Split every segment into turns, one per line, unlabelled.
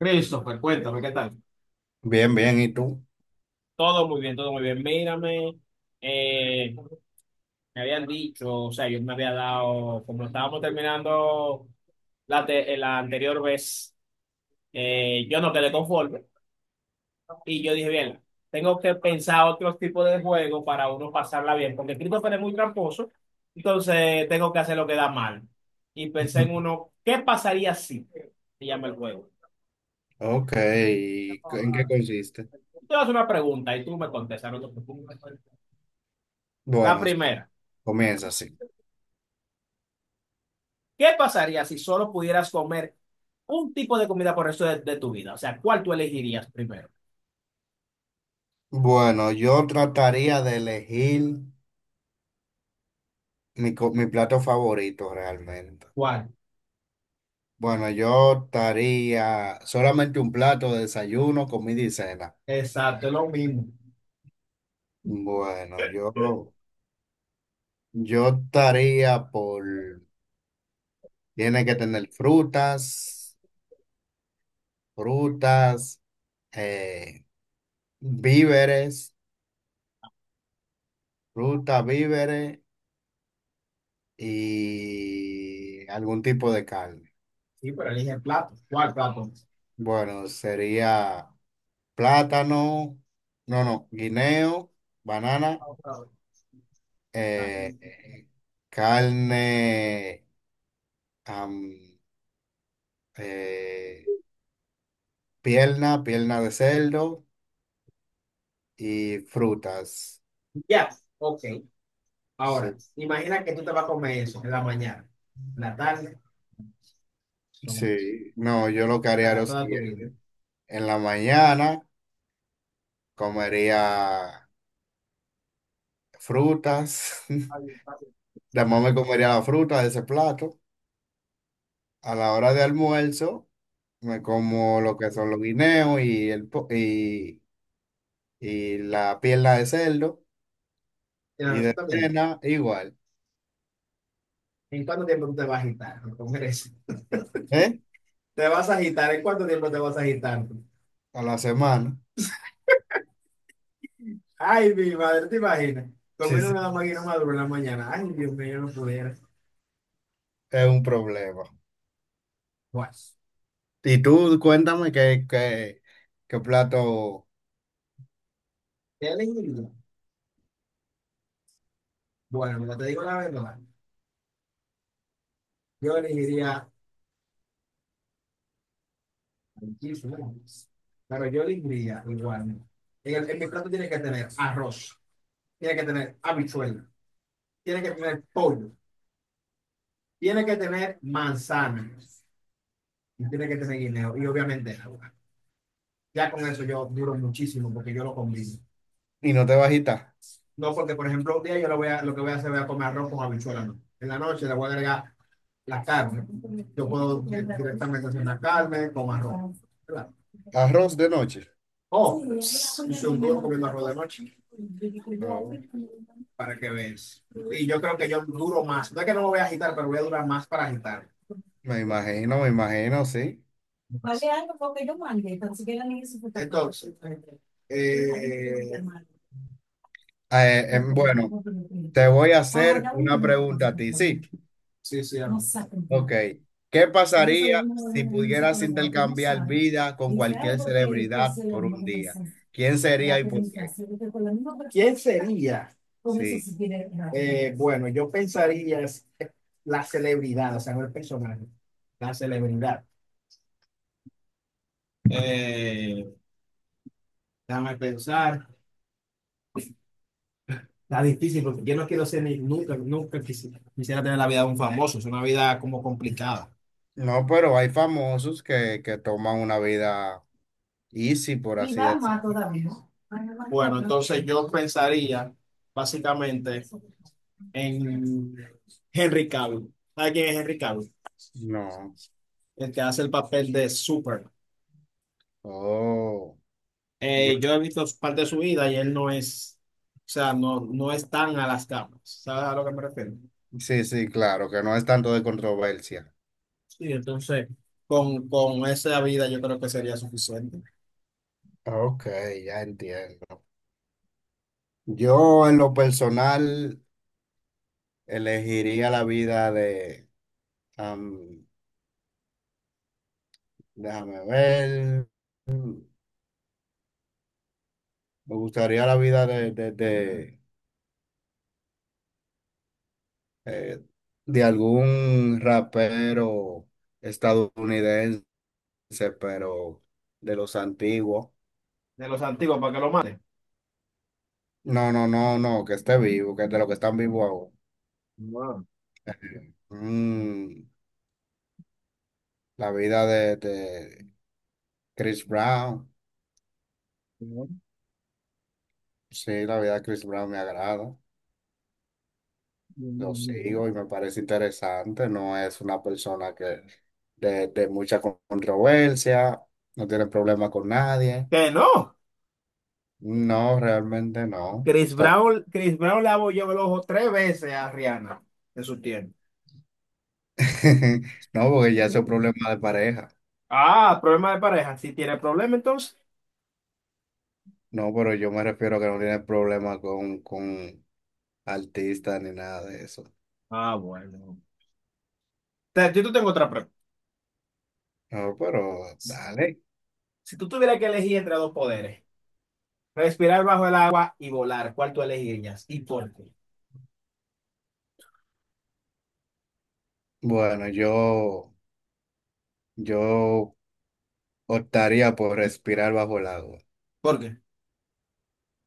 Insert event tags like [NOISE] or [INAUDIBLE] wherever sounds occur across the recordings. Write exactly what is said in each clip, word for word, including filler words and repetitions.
Christopher, cuéntame, ¿qué tal?
Bien, bien, ¿y tú?
Todo muy bien, todo muy bien. Mírame, eh, me habían dicho, o sea, yo me había dado, como estábamos terminando la, te- eh, la anterior vez, eh, yo no quedé conforme y yo dije, bien, tengo que pensar otros tipos de juegos para uno pasarla bien, porque Christopher es muy tramposo, entonces tengo que hacer lo que da mal. Y pensé en
[LAUGHS]
uno, ¿qué pasaría si? Se llama el juego.
Ok. ¿Y ¿en qué consiste?
Yo Te hago una pregunta y tú me contestas, no te preocupes. La
Bueno, es-
primera,
comienza así.
¿qué pasaría si solo pudieras comer un tipo de comida por el resto de, de tu vida? O sea, ¿cuál tú elegirías primero?
Bueno, yo trataría de elegir mi, co- mi plato favorito realmente.
¿Cuál?
Bueno, yo estaría solamente un plato de desayuno, comida y cena.
Exacto, es lo mismo.
Bueno, yo, yo estaría por, tiene que tener frutas, frutas, eh, víveres, frutas, víveres. Y algún tipo de carne.
Sí, pero elige el plato. ¿Cuál plato?
Bueno, sería plátano, no, no, guineo, banana,
Ah,
eh, eh, carne, am, eh, pierna, pierna de cerdo y frutas.
ya, ok. Ahora,
Sí,
imagina que tú te vas a comer eso en la mañana, en la tarde,
sí, no, yo lo que haría es
para
lo
toda tu vida.
siguiente. En la mañana comería frutas,
Está.
[LAUGHS] después me comería la fruta de ese plato. A la hora de almuerzo, me como lo que son los guineos y, el, po- y, y la pierna de cerdo.
Y en la
Y
noche
de
también.
cena, igual.
¿En cuánto tiempo tú te vas a agitar? ¿Cómo eres? [LAUGHS]
¿Eh?
¿Te vas a agitar? ¿En cuánto tiempo te vas a agitar?
A la semana.
Ay, mi madre, ¿te imaginas?
Sí,
Comer
sí,
una máquina madura en la mañana. Ay, Dios mío, yo no pudiera.
es un problema.
Bueno,
Y tú, cuéntame qué, qué, qué plato.
¿qué elegiría? Bueno, mira, te digo la verdad. Yo elegiría muchísimos. Pero yo elegiría igual. En, el- en mi plato tiene que tener arroz, tiene que tener habichuela, tiene que tener pollo, tiene que tener manzana, tiene que tener guineo y obviamente agua. Ya con eso yo duro muchísimo porque yo lo combino.
Y no te bajita.
No porque, por ejemplo, un día yo lo, voy a, lo que voy a hacer voy a comer arroz con habichuela, no. En la noche le voy a agregar la carne. Yo puedo eh, directamente hacer una carne con arroz. ¿Verdad?
Arroz de noche.
O oh, hice un duro comiendo arroz de noche
Oh,
para que veas. Y yo creo que yo duro más. No es que no me voy a agitar, pero voy a durar más para agitar.
me imagino, me imagino, sí.
Vale algo porque yo mandé, tan siquiera ni eso. Entonces, Eh,
Eh, em, bueno, te
sí,
voy a
ah
hacer
ya un
una
minuto, pensé
pregunta a
que
ti,
estaba
sí.
bien. Sí, sí, no amén. Saben.
Ok. ¿Qué
A veces
pasaría
uno es
si
una música
pudieras
lo que no
intercambiar
sabe.
vida con
Dice, ay,
cualquier
porque pues
celebridad
se le
por
dio
un
una
día?
sensación.
¿Quién sería
La
y por qué?
comunicación, porque con la misma persona, ¿quién sería? Con eso
Sí.
sí tiene razón. Eh, bueno, yo pensaría es- la celebridad, o sea, no el personaje, la celebridad. Eh, déjame pensar, está difícil porque yo no quiero ser ni, nunca, nunca quisi- quisiera tener la vida de un famoso, es una vida como complicada.
No, pero hay famosos que, que toman una vida easy, por
Y
así
va
decirlo.
más todavía. Bueno, entonces yo pensaría básicamente en Henry Cavill. ¿Sabes quién es Henry Cavill?
No.
El que hace el papel de Super.
Oh. Ya.
Eh, yo he visto parte de su vida y él no es, o sea, no, no es tan a las camas. ¿Sabes a lo que me refiero?
Sí, sí, claro, que no es tanto de controversia.
Sí, entonces, Con, con esa vida yo creo que sería suficiente.
Ok, ya entiendo. Yo en lo personal elegiría la vida de, am, déjame ver. Me gustaría la vida de, de, de, eh, de algún rapero estadounidense, pero de los antiguos.
De los antiguos, ¿para que lo mate?
No, no, no, no, que esté vivo, que de los que están vivos ahora.
Wow,
Mm, la vida de, de Chris Brown.
bien,
Sí, la vida de Chris Brown me agrada.
bien,
Lo
bien.
sigo y me parece interesante. No es una persona que de, de mucha controversia, no tiene problema con nadie.
Que no.
No, realmente no.
Chris
Está-
Brown, Chris Brown le abolló el ojo tres veces a Rihanna en su tiempo.
[LAUGHS] No, porque ya eso es problema de pareja.
Ah, problema de pareja. Si tiene problema, entonces.
No, pero yo me refiero a que no tiene problema con, con artistas ni nada de eso.
Ah, bueno. Te- Yo te tengo otra pregunta.
No, pero dale.
Si tú tuvieras que elegir entre dos poderes, respirar bajo el agua y volar, ¿cuál tú elegirías? ¿Y por qué?
Bueno, yo, yo optaría por respirar bajo el agua,
Porque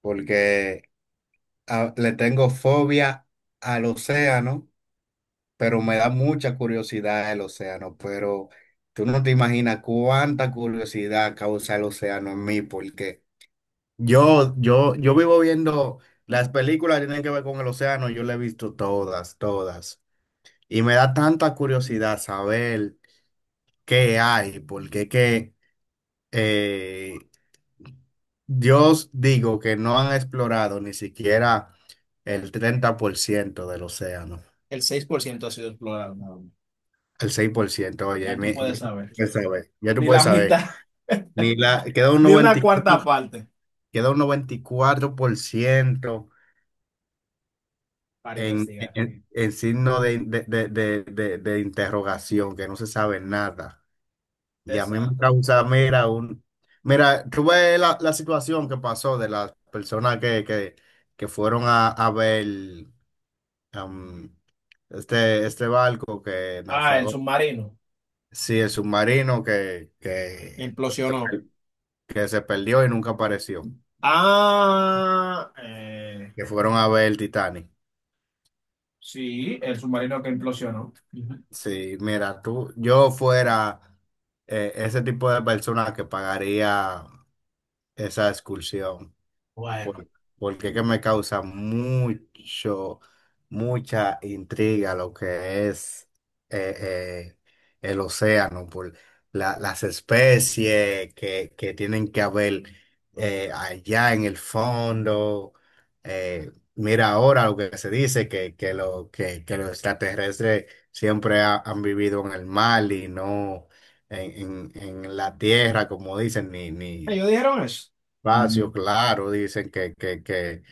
porque a- le tengo fobia al océano, pero me da mucha curiosidad el océano, pero tú no te imaginas cuánta curiosidad causa el océano en mí, porque... Yo, yo, yo vivo viendo las películas que tienen que ver con el océano, yo las he visto todas, todas. Y me da tanta curiosidad saber qué hay, porque es que eh, Dios digo que no han explorado ni siquiera el treinta por ciento del océano,
el seis por ciento ha sido explorado, nada más.
el seis por ciento, oye,
Ya tú
mi-
puedes
ya tú
saber.
puedes saber, ya tú
Ni
puedes
la mitad,
saber.
[LAUGHS]
Ni la, queda un
ni una
noventa,
cuarta parte
queda un noventa y cuatro por ciento
para
en,
investigar.
en- en signo de, de- de- de- de- de interrogación, que no se sabe nada. Y a mí me
Exacto.
causa, mira, un, mira, tuve la, la situación que pasó de las personas que, que, que fueron a, a ver am, este, este barco que
Ah, el
naufragó.
submarino.
Sí, el submarino que, que,
Implosionó.
que se perdió y nunca apareció,
Ah, eh,
que fueron a ver el Titanic.
Sí, el submarino que implosionó. Ujú.
Sí, mira, tú, yo fuera eh, ese tipo de persona que pagaría esa excursión
Bueno,
por- porque es que me causa mucho, mucha intriga lo que es eh, eh, el océano, por la- las especies que, que tienen que haber eh, allá en el fondo. Eh, mira ahora lo que se dice, que, que, lo, que, que los extraterrestres siempre ha- han vivido en el mar y no en, en- en la tierra, como dicen, ni, ni...
ellos dijeron eso.
Espacio, claro, dicen que, que, que,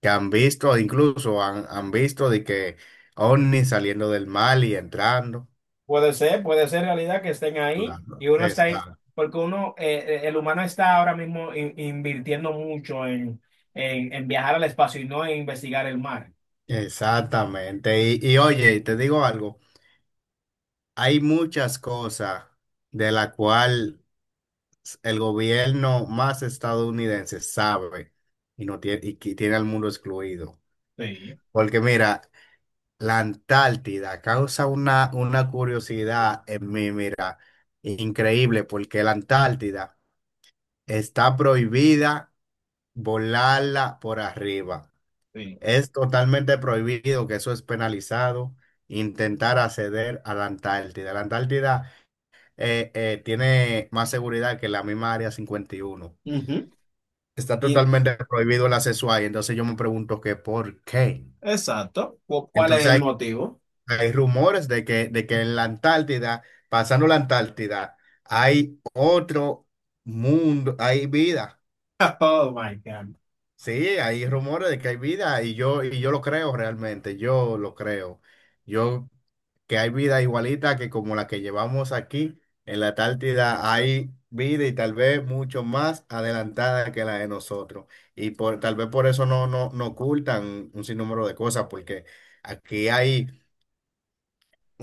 que han visto, incluso han, han visto de que ovnis saliendo del mar y entrando.
Puede ser, puede ser realidad que estén ahí
Claro.
y uno está ahí,
Esa-
porque uno, eh, eh, el humano está ahora mismo in- invirtiendo mucho en, en, en viajar al espacio y no en investigar el mar.
exactamente. Y, y oye, te digo algo, hay muchas cosas de la cual el gobierno más estadounidense sabe y no tiene, y que tiene al mundo excluido.
Sí,
Porque mira, la Antártida causa una, una curiosidad en mí, mira, increíble, porque la Antártida está prohibida volarla por arriba.
sí.
Es totalmente prohibido, que eso es penalizado, intentar acceder a la Antártida. La Antártida eh, eh, tiene más seguridad que la misma Área cincuenta y uno.
Ujú.
Está
Y,
totalmente prohibido el acceso ahí, entonces yo me pregunto que por qué.
exacto. ¿Cu- ¿Cuál es
Entonces
el
hay
motivo?
Hay rumores de que, de que en la Antártida, pasando la Antártida, hay otro mundo, hay vida.
[LAUGHS] Oh my God.
Sí, hay rumores de que hay vida y yo, y yo lo creo realmente, yo lo creo. Yo que hay vida igualita que como la que llevamos aquí en la Antártida, hay vida y tal vez mucho más adelantada que la de nosotros. Y por, tal vez por eso no, no, no ocultan un sinnúmero de cosas, porque aquí hay...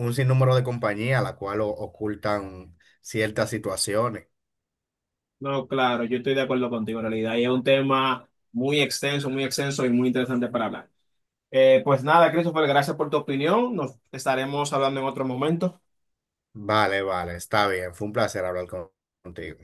un sinnúmero de compañías a la cual o- ocultan ciertas situaciones.
No, claro, yo estoy de acuerdo contigo en realidad. Y es un tema muy extenso, muy extenso y muy interesante para hablar. Eh, pues nada, Christopher, gracias por tu opinión. Nos estaremos hablando en otro momento.
Vale, vale, está bien. Fue un placer hablar con- contigo.